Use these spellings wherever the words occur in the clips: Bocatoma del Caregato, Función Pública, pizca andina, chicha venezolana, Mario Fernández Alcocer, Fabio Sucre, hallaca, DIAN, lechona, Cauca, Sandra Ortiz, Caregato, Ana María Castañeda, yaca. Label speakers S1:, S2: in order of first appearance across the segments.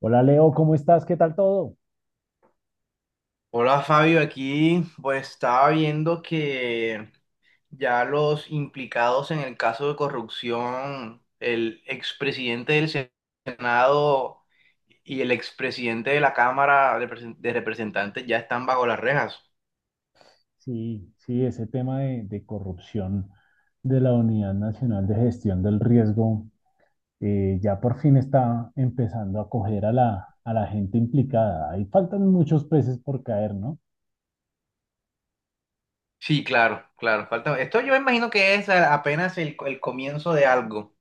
S1: Hola Leo, ¿cómo estás? ¿Qué tal todo?
S2: Hola Fabio, aquí pues estaba viendo que ya los implicados en el caso de corrupción, el expresidente del Senado y el expresidente de la Cámara de Representantes ya están bajo las rejas.
S1: Sí, sí, ese tema de corrupción de la Unidad Nacional de Gestión del Riesgo, ya por fin está empezando a coger a la gente implicada. Ahí faltan muchos peces por caer, ¿no?
S2: Sí, claro, claro, falta. Esto yo imagino que es apenas el comienzo de algo,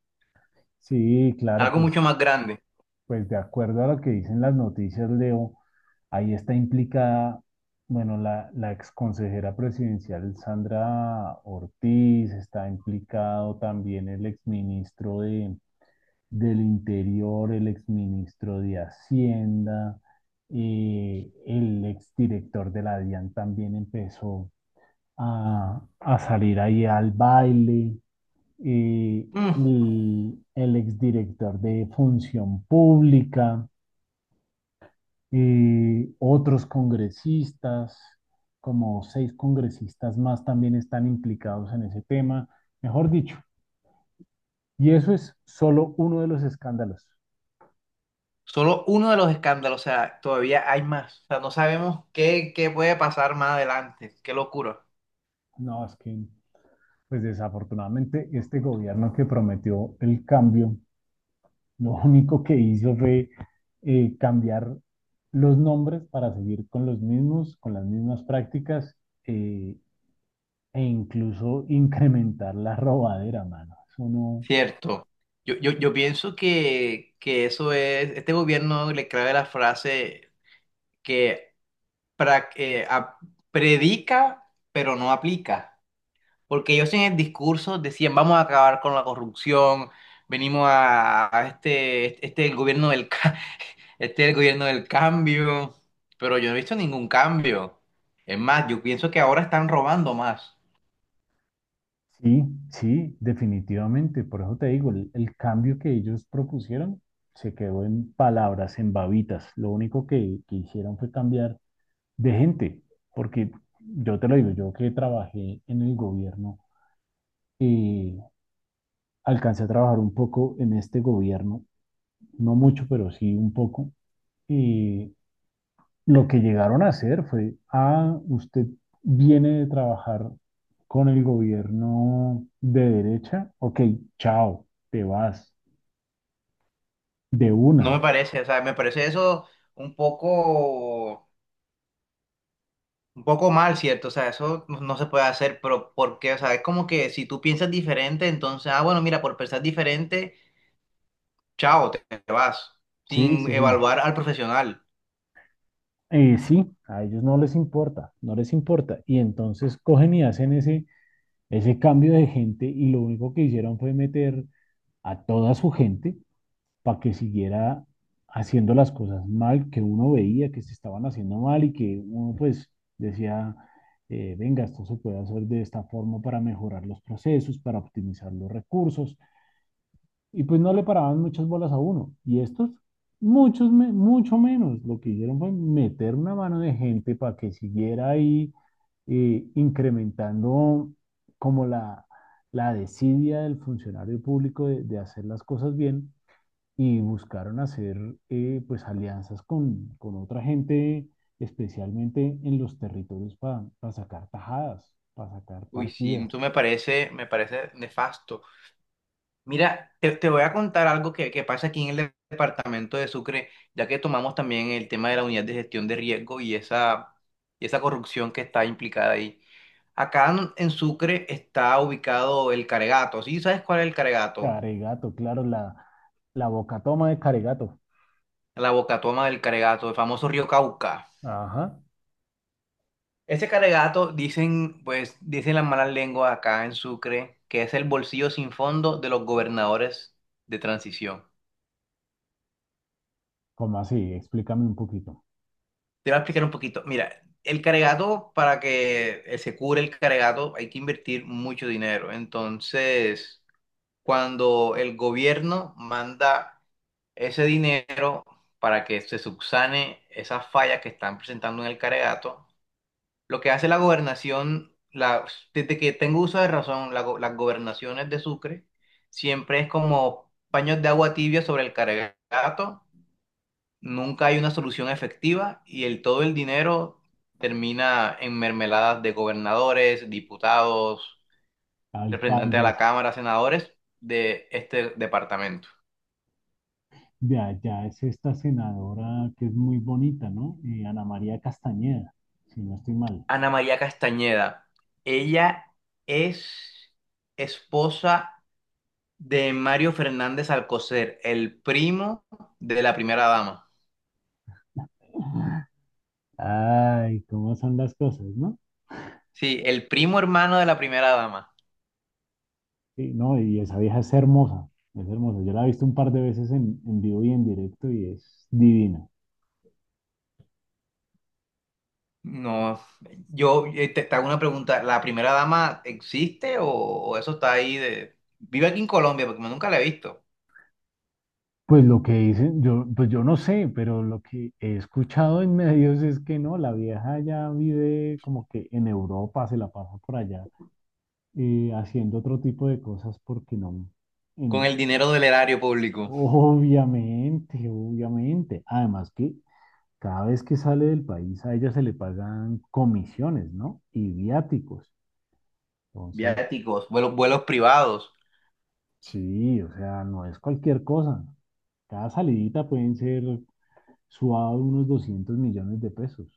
S1: Sí, claro,
S2: algo
S1: pues,
S2: mucho más grande.
S1: pues de acuerdo a lo que dicen las noticias, Leo, ahí está implicada, bueno, la exconsejera presidencial Sandra Ortiz. Está implicado también el exministro de del Interior, el exministro de Hacienda, el exdirector de la DIAN también empezó a salir ahí al baile, eh,
S2: Mm,
S1: y el exdirector de Función Pública, otros congresistas, como 6 congresistas más también están implicados en ese tema, mejor dicho. Y eso es solo uno de los escándalos.
S2: solo uno de los escándalos, o sea, todavía hay más. O sea, no sabemos qué puede pasar más adelante. Qué locura.
S1: No, es que pues desafortunadamente este gobierno que prometió el cambio, lo único que hizo fue, cambiar los nombres para seguir con los mismos, con las mismas prácticas, eh, e incluso incrementar la robadera, mano. Eso no.
S2: Cierto. Yo pienso que eso es, este gobierno le clave la frase que pra- eh, a- predica pero no aplica. Porque ellos en el discurso decían vamos a acabar con la corrupción, venimos a este, este es el gobierno del, este es el gobierno del cambio, pero yo no he visto ningún cambio. Es más, yo pienso que ahora están robando más.
S1: Sí, sí, definitivamente. Por eso te digo, el cambio que ellos propusieron se quedó en palabras, en babitas. Lo único que hicieron fue cambiar de gente, porque yo te lo digo, yo que trabajé en el gobierno, eh, alcancé a trabajar un poco en este gobierno, no mucho, pero sí un poco, y lo que llegaron a hacer fue, ah, usted viene de trabajar con el gobierno de derecha, ok, chao, te vas, de
S2: No me
S1: una.
S2: parece, o sea, me parece eso un poco... Un poco mal, ¿cierto? O sea, eso no se puede hacer, pero ¿por qué? O sea, es como que si tú piensas diferente, entonces, ah, bueno, mira, por pensar diferente, chao, te vas,
S1: Sí,
S2: sin
S1: sí, sí.
S2: evaluar al profesional.
S1: Sí, a ellos no les importa, no les importa. Y entonces cogen y hacen ese cambio de gente y lo único que hicieron fue meter a toda su gente para que siguiera haciendo las cosas mal, que uno veía que se estaban haciendo mal y que uno pues decía, venga, esto se puede hacer de esta forma para mejorar los procesos, para optimizar los recursos, y pues no le paraban muchas bolas a uno. Y estos, muchos, mucho menos. Lo que hicieron fue meter una mano de gente para que siguiera ahí, incrementando como la desidia del funcionario público de hacer las cosas bien, y buscaron hacer, pues alianzas con otra gente, especialmente en los territorios para sacar tajadas, para sacar
S2: Uy, sí, tú
S1: partidas.
S2: me parece nefasto. Mira, te voy a contar algo que pasa aquí en el departamento de Sucre, ya que tomamos también el tema de la unidad de gestión de riesgo y esa corrupción que está implicada ahí. Acá en Sucre está ubicado el Caregato, ¿sí? ¿Sabes cuál es el Caregato?
S1: Caregato, claro, la boca toma de Caregato.
S2: La Bocatoma del Caregato, el famoso río Cauca.
S1: Ajá.
S2: Ese Caregato, dicen, pues, dicen las malas lenguas acá en Sucre, que es el bolsillo sin fondo de los gobernadores de transición.
S1: ¿Cómo así? Explícame un poquito.
S2: Te voy a explicar un poquito. Mira, el Caregato, para que se cure el Caregato, hay que invertir mucho dinero. Entonces, cuando el gobierno manda ese dinero para que se subsane esas fallas que están presentando en el Caregato, lo que hace la gobernación, la, desde que tengo uso de razón, las gobernaciones de Sucre siempre es como paños de agua tibia sobre el cargato, nunca hay una solución efectiva y el, todo el dinero termina en mermeladas de gobernadores, diputados, representantes a la
S1: Alcaldes,
S2: Cámara, senadores de este departamento.
S1: de allá es esta senadora que es muy bonita, ¿no? Ana María Castañeda, si no estoy mal.
S2: Ana María Castañeda, ella es esposa de Mario Fernández Alcocer, el primo de la primera dama.
S1: Ay, cómo son las cosas, ¿no?
S2: Sí, el primo hermano de la primera dama.
S1: Sí, no, y esa vieja es hermosa, es hermosa. Yo la he visto un par de veces en vivo y en directo y es divina.
S2: No, yo te hago una pregunta, ¿la primera dama existe o eso está ahí de... Vive aquí en Colombia porque yo nunca la he visto.
S1: Pues lo que dicen, yo, pues yo no sé, pero lo que he escuchado en medios es que no, la vieja ya vive como que en Europa, se la pasa por allá, haciendo otro tipo de cosas porque no,
S2: Con
S1: en-
S2: el dinero del erario público,
S1: obviamente, obviamente. Además que cada vez que sale del país a ella se le pagan comisiones, ¿no? Y viáticos. Entonces,
S2: viáticos, vuelos, vuelos privados.
S1: sí, o sea, no es cualquier cosa. Cada salidita pueden ser suados unos 200 millones de pesos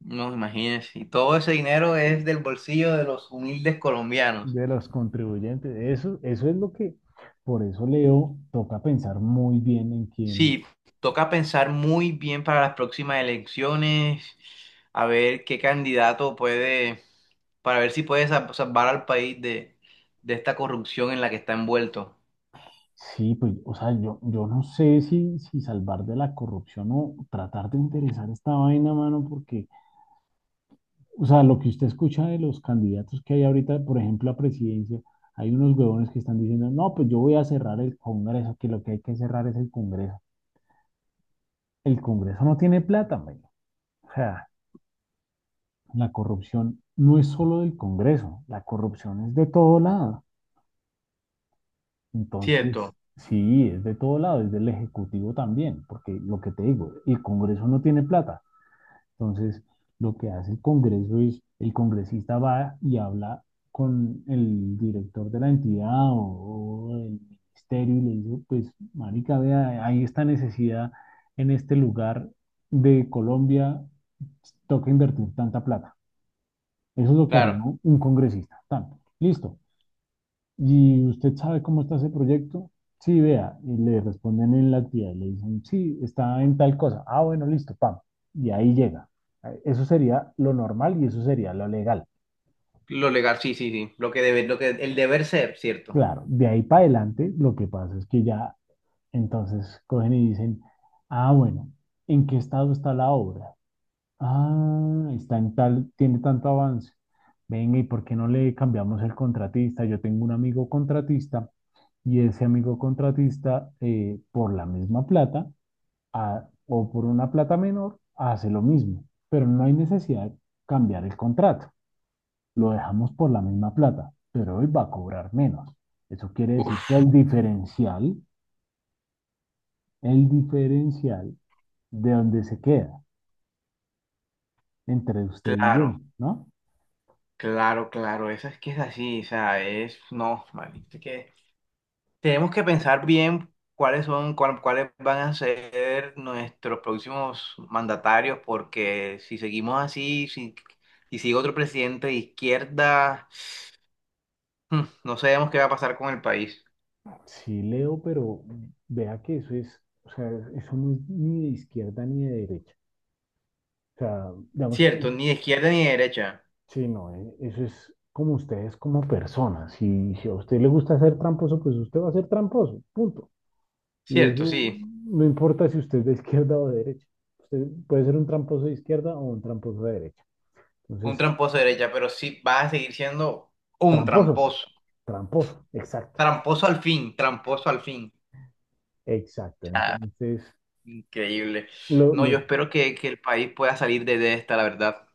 S2: No, imagínense. Y todo ese dinero es del bolsillo de los humildes colombianos.
S1: de los contribuyentes. Eso es lo que, por eso Leo, toca pensar muy bien en quién.
S2: Sí, toca pensar muy bien para las próximas elecciones, a ver qué candidato puede, para ver si puede salvar al país de esta corrupción en la que está envuelto.
S1: Sí, pues, o sea, yo no sé si, si salvar de la corrupción o tratar de interesar esta vaina, mano, porque, o sea, lo que usted escucha de los candidatos que hay ahorita, por ejemplo, a presidencia, hay unos huevones que están diciendo, no, pues yo voy a cerrar el Congreso, que lo que hay que cerrar es el Congreso. El Congreso no tiene plata, men. O sea, la corrupción no es solo del Congreso, la corrupción es de todo lado. Entonces,
S2: Cierto,
S1: sí, es de todo lado, es del Ejecutivo también, porque lo que te digo, el Congreso no tiene plata. Entonces, lo que hace el Congreso es, el congresista va y habla con el director de la entidad o del ministerio y le dice, pues, marica, vea, hay esta necesidad en este lugar de Colombia, toca invertir tanta plata. Eso es lo que haría
S2: claro.
S1: un congresista. Tanto. Listo. ¿Y usted sabe cómo está ese proyecto? Sí, vea. Y le responden en la actividad y le dicen, sí, está en tal cosa. Ah, bueno, listo, pam. Y ahí llega. Eso sería lo normal y eso sería lo legal.
S2: Lo legal, sí, sí, sí. Lo que debe, lo que, el deber ser, cierto.
S1: Claro, de ahí para adelante, lo que pasa es que ya entonces cogen y dicen, ah, bueno, ¿en qué estado está la obra? Ah, está en tal, tiene tanto avance. Venga, ¿y por qué no le cambiamos el contratista? Yo tengo un amigo contratista y ese amigo contratista, por la misma plata o por una plata menor, hace lo mismo, pero no hay necesidad de cambiar el contrato. Lo dejamos por la misma plata, pero él va a cobrar menos. Eso quiere decir que
S2: Uf,
S1: el diferencial de donde se queda entre usted y yo,
S2: claro,
S1: ¿no?
S2: claro, claro. Eso es que es así, o sea, es, no, maldito, tenemos que pensar bien cuáles son, cuáles van a ser nuestros próximos mandatarios, porque si seguimos así, si, si sigue otro presidente de izquierda, no sabemos qué va a pasar con el país.
S1: Sí, Leo, pero vea que eso es, o sea, eso no es ni de izquierda ni de derecha. O sea, digamos,
S2: Cierto, ni de izquierda ni de derecha.
S1: sí, no, eso es como ustedes como personas. Si, si a usted le gusta ser tramposo, pues usted va a ser tramposo, punto. Y
S2: Cierto,
S1: eso
S2: sí,
S1: no importa si usted es de izquierda o de derecha. Usted puede ser un tramposo de izquierda o un tramposo de derecha.
S2: un
S1: Entonces,
S2: tramposo de derecha, pero sí va a seguir siendo un
S1: tramposo,
S2: tramposo.
S1: tramposo, exacto,
S2: Tramposo al fin, tramposo al fin.
S1: exacto.
S2: O sea,
S1: Entonces,
S2: increíble.
S1: lo,
S2: No, yo
S1: lo,
S2: espero que el país pueda salir de esta, la verdad.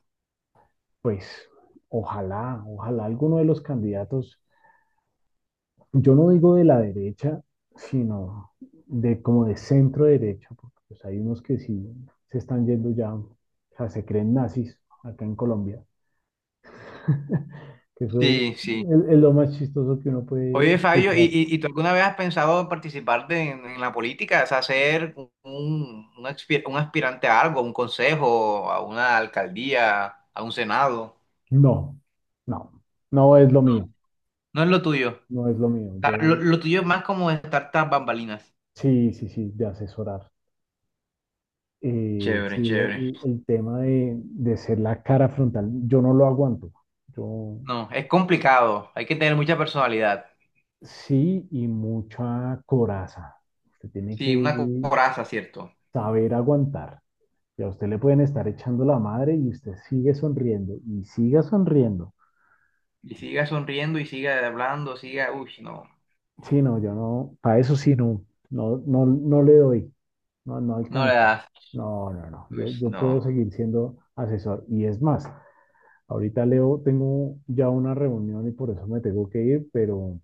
S1: pues, ojalá, ojalá alguno de los candidatos, yo no digo de la derecha, sino de como de centro derecha, porque pues, hay unos que sí se están yendo ya, o sea, se creen nazis acá en Colombia, que eso
S2: Sí, sí.
S1: es lo más chistoso que uno puede
S2: Oye, Fabio,
S1: escuchar.
S2: y tú alguna vez has pensado en en la política? O sea, ser un, un aspirante a algo, a un consejo, a una alcaldía, a un senado.
S1: No, no, no es lo mío,
S2: No es lo tuyo.
S1: no es lo mío.
S2: O sea,
S1: Yo
S2: lo tuyo es más como estar tras bambalinas.
S1: sí, sí, sí, de asesorar. Sí,
S2: Chévere, chévere.
S1: el tema de ser la cara frontal, yo no lo aguanto. Yo
S2: No, es complicado. Hay que tener mucha personalidad.
S1: sí, y mucha coraza. Usted tiene que
S2: Sí, una coraza, ¿cierto?
S1: saber aguantar. Y a usted le pueden estar echando la madre y usted sigue sonriendo y siga sonriendo.
S2: Y siga sonriendo y siga hablando, siga... Uy, no.
S1: Sí, no, yo no, para eso sí, no, no le doy, no, no
S2: No le
S1: alcanzo.
S2: das.
S1: No, no, no,
S2: Uy,
S1: yo puedo
S2: no.
S1: seguir siendo asesor. Y es más, ahorita Leo, tengo ya una reunión y por eso me tengo que ir, pero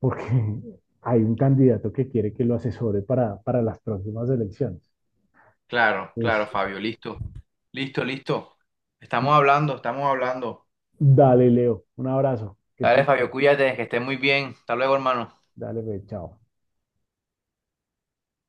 S1: porque hay un candidato que quiere que lo asesore para las próximas elecciones.
S2: Claro, claro,
S1: Es,
S2: Fabio, listo. Listo, listo. Estamos hablando, estamos hablando.
S1: dale, Leo. Un abrazo. Que
S2: Dale,
S1: estés
S2: Fabio,
S1: bien.
S2: cuídate, que estés muy bien. Hasta luego, hermano.
S1: Dale, pues, chao.